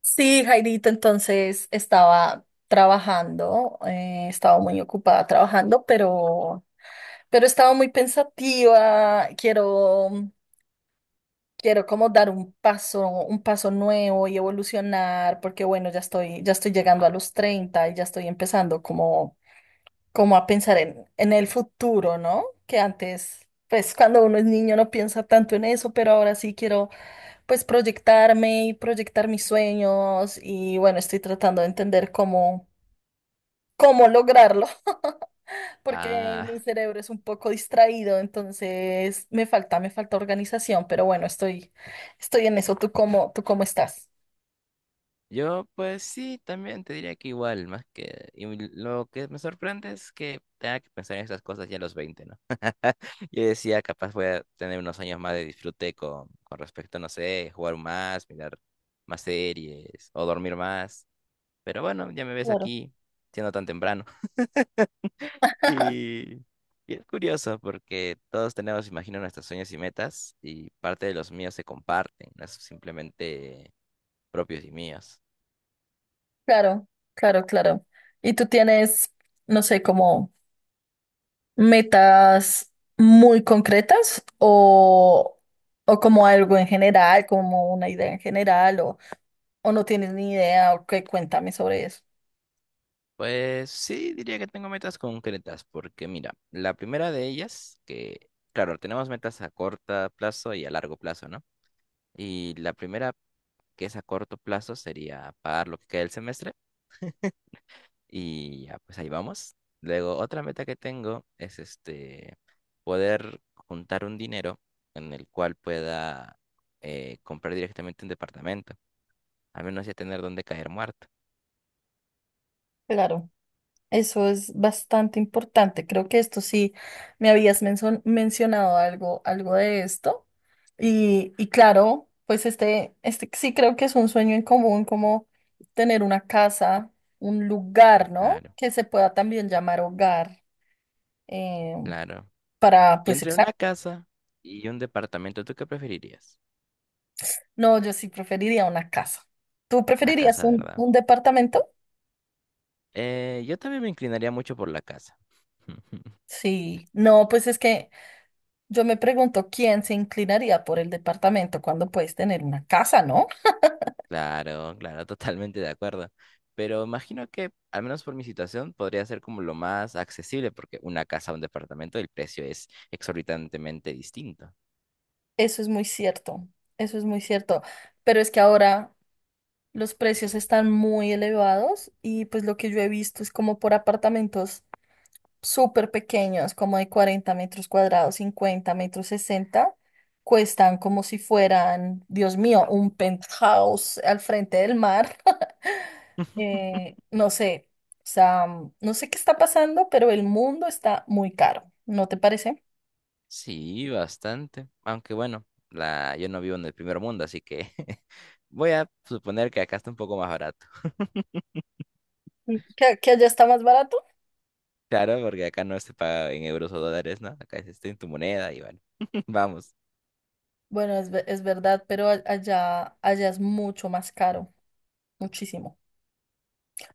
Sí, Jairito, entonces estaba trabajando, estaba muy ocupada trabajando, pero estaba muy pensativa. Quiero como dar un paso nuevo y evolucionar, porque bueno, ya estoy llegando a los 30 y ya estoy empezando como a pensar en el futuro, ¿no? Que antes, pues cuando uno es niño no piensa tanto en eso, pero ahora sí quiero pues proyectarme y proyectar mis sueños y bueno, estoy tratando de entender cómo lograrlo, porque mi Ah, cerebro es un poco distraído, entonces me falta organización, pero bueno, estoy en eso. Tú cómo estás? yo pues sí, también te diría que igual, más que... Y lo que me sorprende es que tenga que pensar en esas cosas ya a los 20, ¿no? Yo decía, capaz voy a tener unos años más de disfrute con respecto, no sé, jugar más, mirar más series o dormir más. Pero bueno, ya me ves Claro. aquí siendo tan temprano. Y, y es curioso porque todos tenemos, imagino, nuestros sueños y metas y parte de los míos se comparten, no es simplemente propios y míos. Claro, claro, claro. ¿Y tú tienes, no sé, cómo metas muy concretas o como algo en general, como una idea en general, o no tienes ni idea, o qué, cuéntame sobre eso. Pues sí, diría que tengo metas concretas, porque mira, la primera de ellas, que claro, tenemos metas a corto plazo y a largo plazo, ¿no? Y la primera, que es a corto plazo, sería pagar lo que queda del semestre y ya, pues ahí vamos. Luego, otra meta que tengo es este, poder juntar un dinero en el cual pueda comprar directamente un departamento, al menos ya tener donde caer muerto. Claro, eso es bastante importante. Creo que esto sí me habías mencionado algo, algo de esto. Y claro, pues este sí creo que es un sueño en común, como tener una casa, un lugar, ¿no? Claro, Que se pueda también llamar hogar. em, claro. para, Y pues, entre exacto. una casa y un departamento, ¿tú qué preferirías? No, yo sí preferiría una casa. ¿Tú La preferirías casa, ¿verdad? un departamento? Yo también me inclinaría mucho por la casa. Sí. No, pues es que yo me pregunto quién se inclinaría por el departamento cuando puedes tener una casa, ¿no? Claro, claro, totalmente de acuerdo. Pero imagino que, al menos por mi situación, podría ser como lo más accesible, porque una casa o un departamento, el precio es exorbitantemente distinto. Eso es muy cierto, eso es muy cierto. Pero es que ahora los precios están muy elevados y pues lo que yo he visto es como por apartamentos súper pequeños, como de 40 metros cuadrados, 50 metros, 60, cuestan como si fueran, Dios mío, un penthouse al frente del mar. No sé, o sea, no sé qué está pasando, pero el mundo está muy caro, ¿no te parece? Sí, bastante. Aunque bueno, la... yo no vivo en el primer mundo, así que voy a suponer que acá está un poco más barato. ¿Que allá está más barato? Claro, porque acá no se paga en euros o dólares, ¿no? Acá es este en tu moneda y bueno. Vamos. Bueno, es verdad, pero allá es mucho más caro, muchísimo.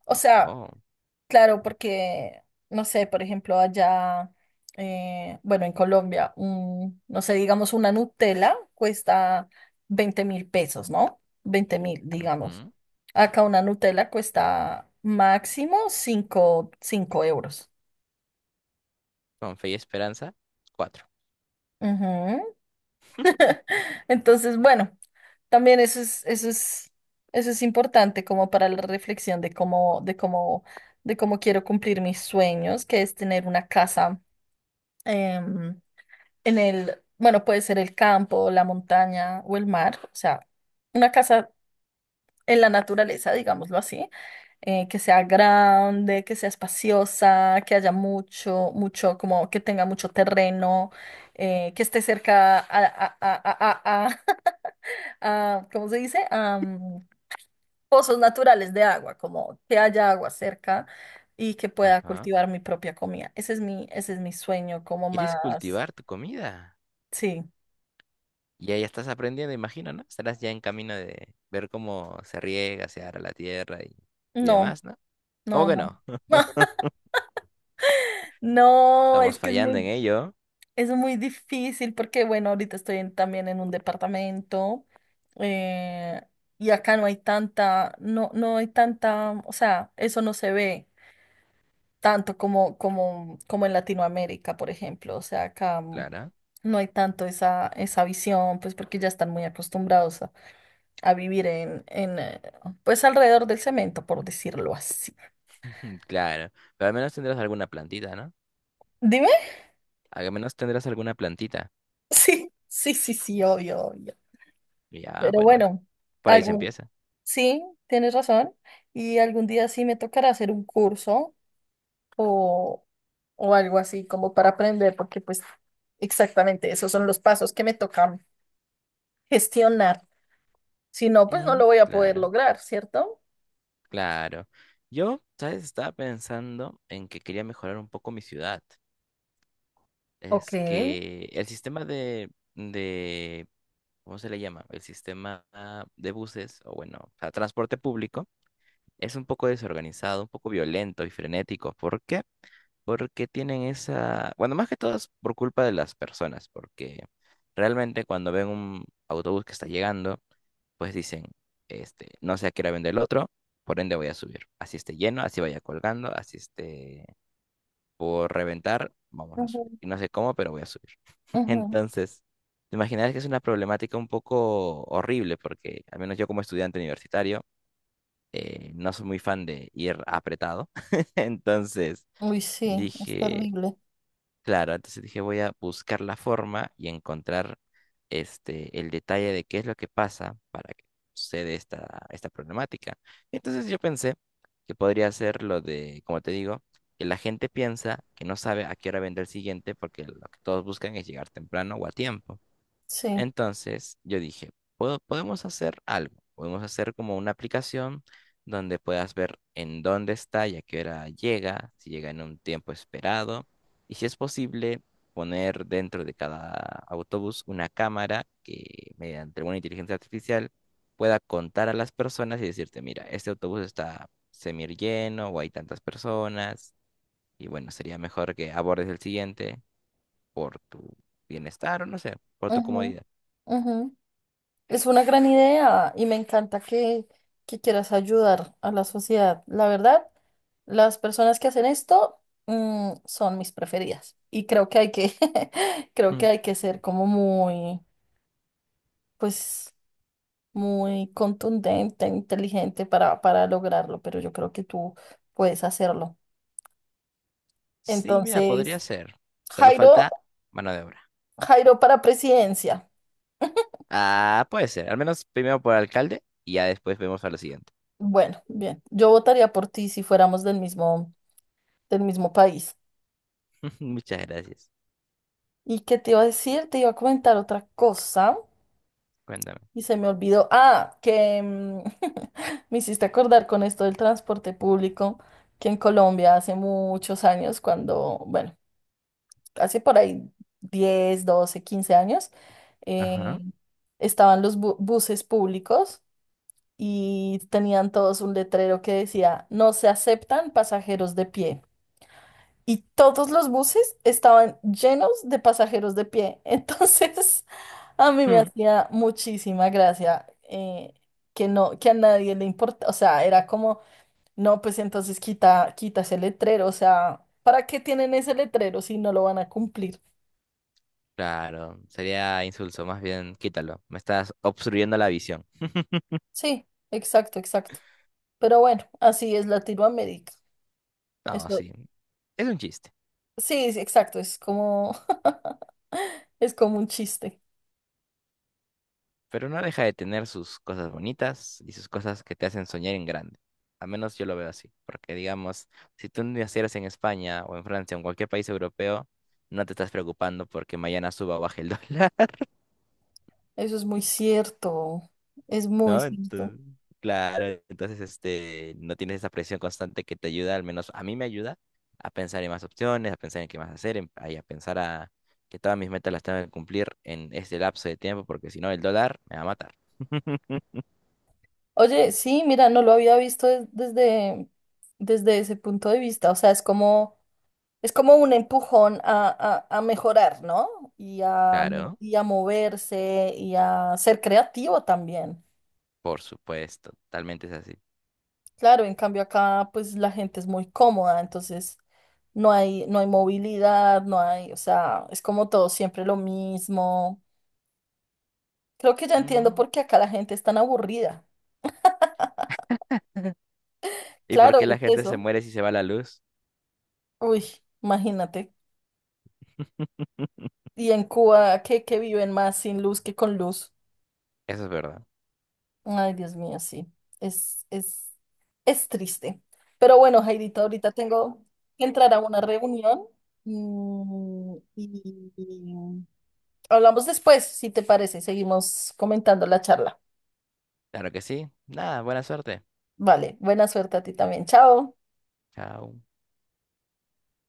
O sea, Oh, claro, porque, no sé, por ejemplo, allá, bueno, en Colombia, un, no sé, digamos, una Nutella cuesta 20.000 pesos, ¿no? 20.000, digamos. ujú. Acá una Nutella cuesta máximo 5 euros. Con fe y esperanza, cuatro. Ujú. Entonces, bueno, también eso es importante como para la reflexión de de cómo quiero cumplir mis sueños, que es tener una casa. em, en el, bueno, puede ser el campo, la montaña o el mar, o sea, una casa en la naturaleza, digámoslo así, que sea grande, que sea espaciosa, que haya mucho, como que tenga mucho terreno, que esté cerca ¿cómo se dice? Pozos naturales de agua, como que haya agua cerca y que pueda Ajá. cultivar mi propia comida. Ese es mi sueño, como ¿Quieres más, cultivar tu comida? sí, Ya estás aprendiendo, imagino, ¿no? Estarás ya en camino de ver cómo se riega, se ara la tierra y no. demás, ¿no? ¿Cómo No, que no. no? No, Estamos es que fallando en ello, es muy difícil porque, bueno, ahorita también en un departamento, eh, y acá no hay tanta, o sea, eso no se ve tanto como en Latinoamérica, por ejemplo. O sea, acá Clara. no hay tanto esa, esa visión, pues porque ya están muy acostumbrados a vivir pues alrededor del cemento, por decirlo así. Claro. Pero al menos tendrás alguna plantita, ¿no? Dime. Al menos tendrás alguna plantita. Sí, sí, sí, sí, obvio, obvio. Ya, Pero bueno, bueno, por ahí se algún, empieza. sí, tienes razón. Y algún día sí me tocará hacer un curso o, o algo así como para aprender, porque pues exactamente esos son los pasos que me tocan gestionar. Si no, pues no Mm, lo voy a poder claro. lograr, ¿cierto? Claro. Yo, ¿sabes? Estaba pensando en que quería mejorar un poco mi ciudad. Ok. Es que el sistema ¿cómo se le llama? El sistema de buses, o bueno, o sea, transporte público, es un poco desorganizado, un poco violento y frenético. ¿Por qué? Porque tienen esa, bueno, más que todo es por culpa de las personas, porque realmente cuando ven un autobús que está llegando, pues dicen, este, no sé a qué hora vende el otro, por ende voy a subir. Así esté lleno, así vaya colgando, así esté por reventar, vamos a Ujú, subir. Y no sé cómo, pero voy a subir. ujú. Entonces, te imaginas que es una problemática un poco horrible, porque al menos yo como estudiante universitario, no soy muy fan de ir apretado. Entonces, Uy, sí, es dije, terrible. claro, entonces dije, voy a buscar la forma y encontrar este, el detalle de qué es lo que pasa para que suceda esta problemática. Entonces yo pensé que podría ser lo de, como te digo, que la gente piensa que no sabe a qué hora vendrá el siguiente porque lo que todos buscan es llegar temprano o a tiempo. Sí. Entonces yo dije, podemos hacer algo, podemos hacer como una aplicación donde puedas ver en dónde está y a qué hora llega, si llega en un tiempo esperado, y si es posible poner dentro de cada autobús una cámara que mediante una inteligencia artificial pueda contar a las personas y decirte, mira, este autobús está semi lleno o hay tantas personas, y bueno, sería mejor que abordes el siguiente por tu bienestar o no sé, por tu Ujú, comodidad". ujú. Es una gran idea y me encanta que quieras ayudar a la sociedad. La verdad, las personas que hacen esto, mm, son mis preferidas. Y creo que hay que, creo que hay que ser como muy, pues, muy contundente, inteligente para lograrlo, pero yo creo que tú puedes hacerlo. Sí, mira, podría Entonces, ser. Solo Jairo, falta mano de obra. Jairo para presidencia. Ah, puede ser. Al menos primero por alcalde y ya después vemos a lo siguiente. Bueno, bien, yo votaría por ti si fuéramos del mismo país. Muchas gracias. ¿Y qué te iba a decir? Te iba a comentar otra cosa Cuéntame. y se me olvidó. Ah, que me hiciste acordar con esto del transporte público, que en Colombia hace muchos años, cuando, bueno, hace por ahí 10, 12, 15 años, eh, Ajá. estaban los buses públicos y tenían todos un letrero que decía, no se aceptan pasajeros de pie, y todos los buses estaban llenos de pasajeros de pie. Entonces, a mí me Mm. hacía muchísima gracia que no, que a nadie le importa, o sea, era como, no, pues entonces quita, quita ese letrero, o sea, ¿para qué tienen ese letrero si no lo van a cumplir? Claro, sería insulso. Más bien, quítalo. Me estás obstruyendo la visión. Sí, exacto, exacto. Pero bueno, así es Latinoamérica. No, Eso, sí. Es un chiste. sí, sí, exacto, es como, es como un chiste. Pero no deja de tener sus cosas bonitas y sus cosas que te hacen soñar en grande. Al menos yo lo veo así. Porque, digamos, si tú nacieras en España o en Francia o en cualquier país europeo, no te estás preocupando porque mañana suba o baje el dólar. Eso es muy cierto, es muy ¿No? cierto. Entonces, claro, entonces este, no tienes esa presión constante que te ayuda, al menos a mí me ayuda a pensar en más opciones, a pensar en qué más hacer, en- ay, a, pensar a que todas mis metas las tengo que cumplir en este lapso de tiempo, porque si no el dólar me va a matar. Oye, sí, mira, no lo había visto desde ese punto de vista. O sea, es como un empujón a mejorar, ¿no? Claro, Y a moverse y a ser creativo también. por supuesto, totalmente es así. Claro, en cambio acá, pues la gente es muy cómoda, entonces no hay movilidad, no hay, o sea, es como todo siempre lo mismo. Creo que ya entiendo Mm, por qué acá la gente es tan aburrida. ¿y por Claro, qué es la gente se eso. muere si se va la luz? Uy, imagínate. Y en Cuba, que viven más sin luz que con luz. Eso es verdad. Ay, Dios mío, sí. Es, es, es triste. Pero bueno, Jairito, ahorita tengo que entrar a una reunión, y hablamos después, si te parece. Seguimos comentando la charla. Claro que sí. Nada, buena suerte. Vale, buena suerte a ti también. Chao. Chao.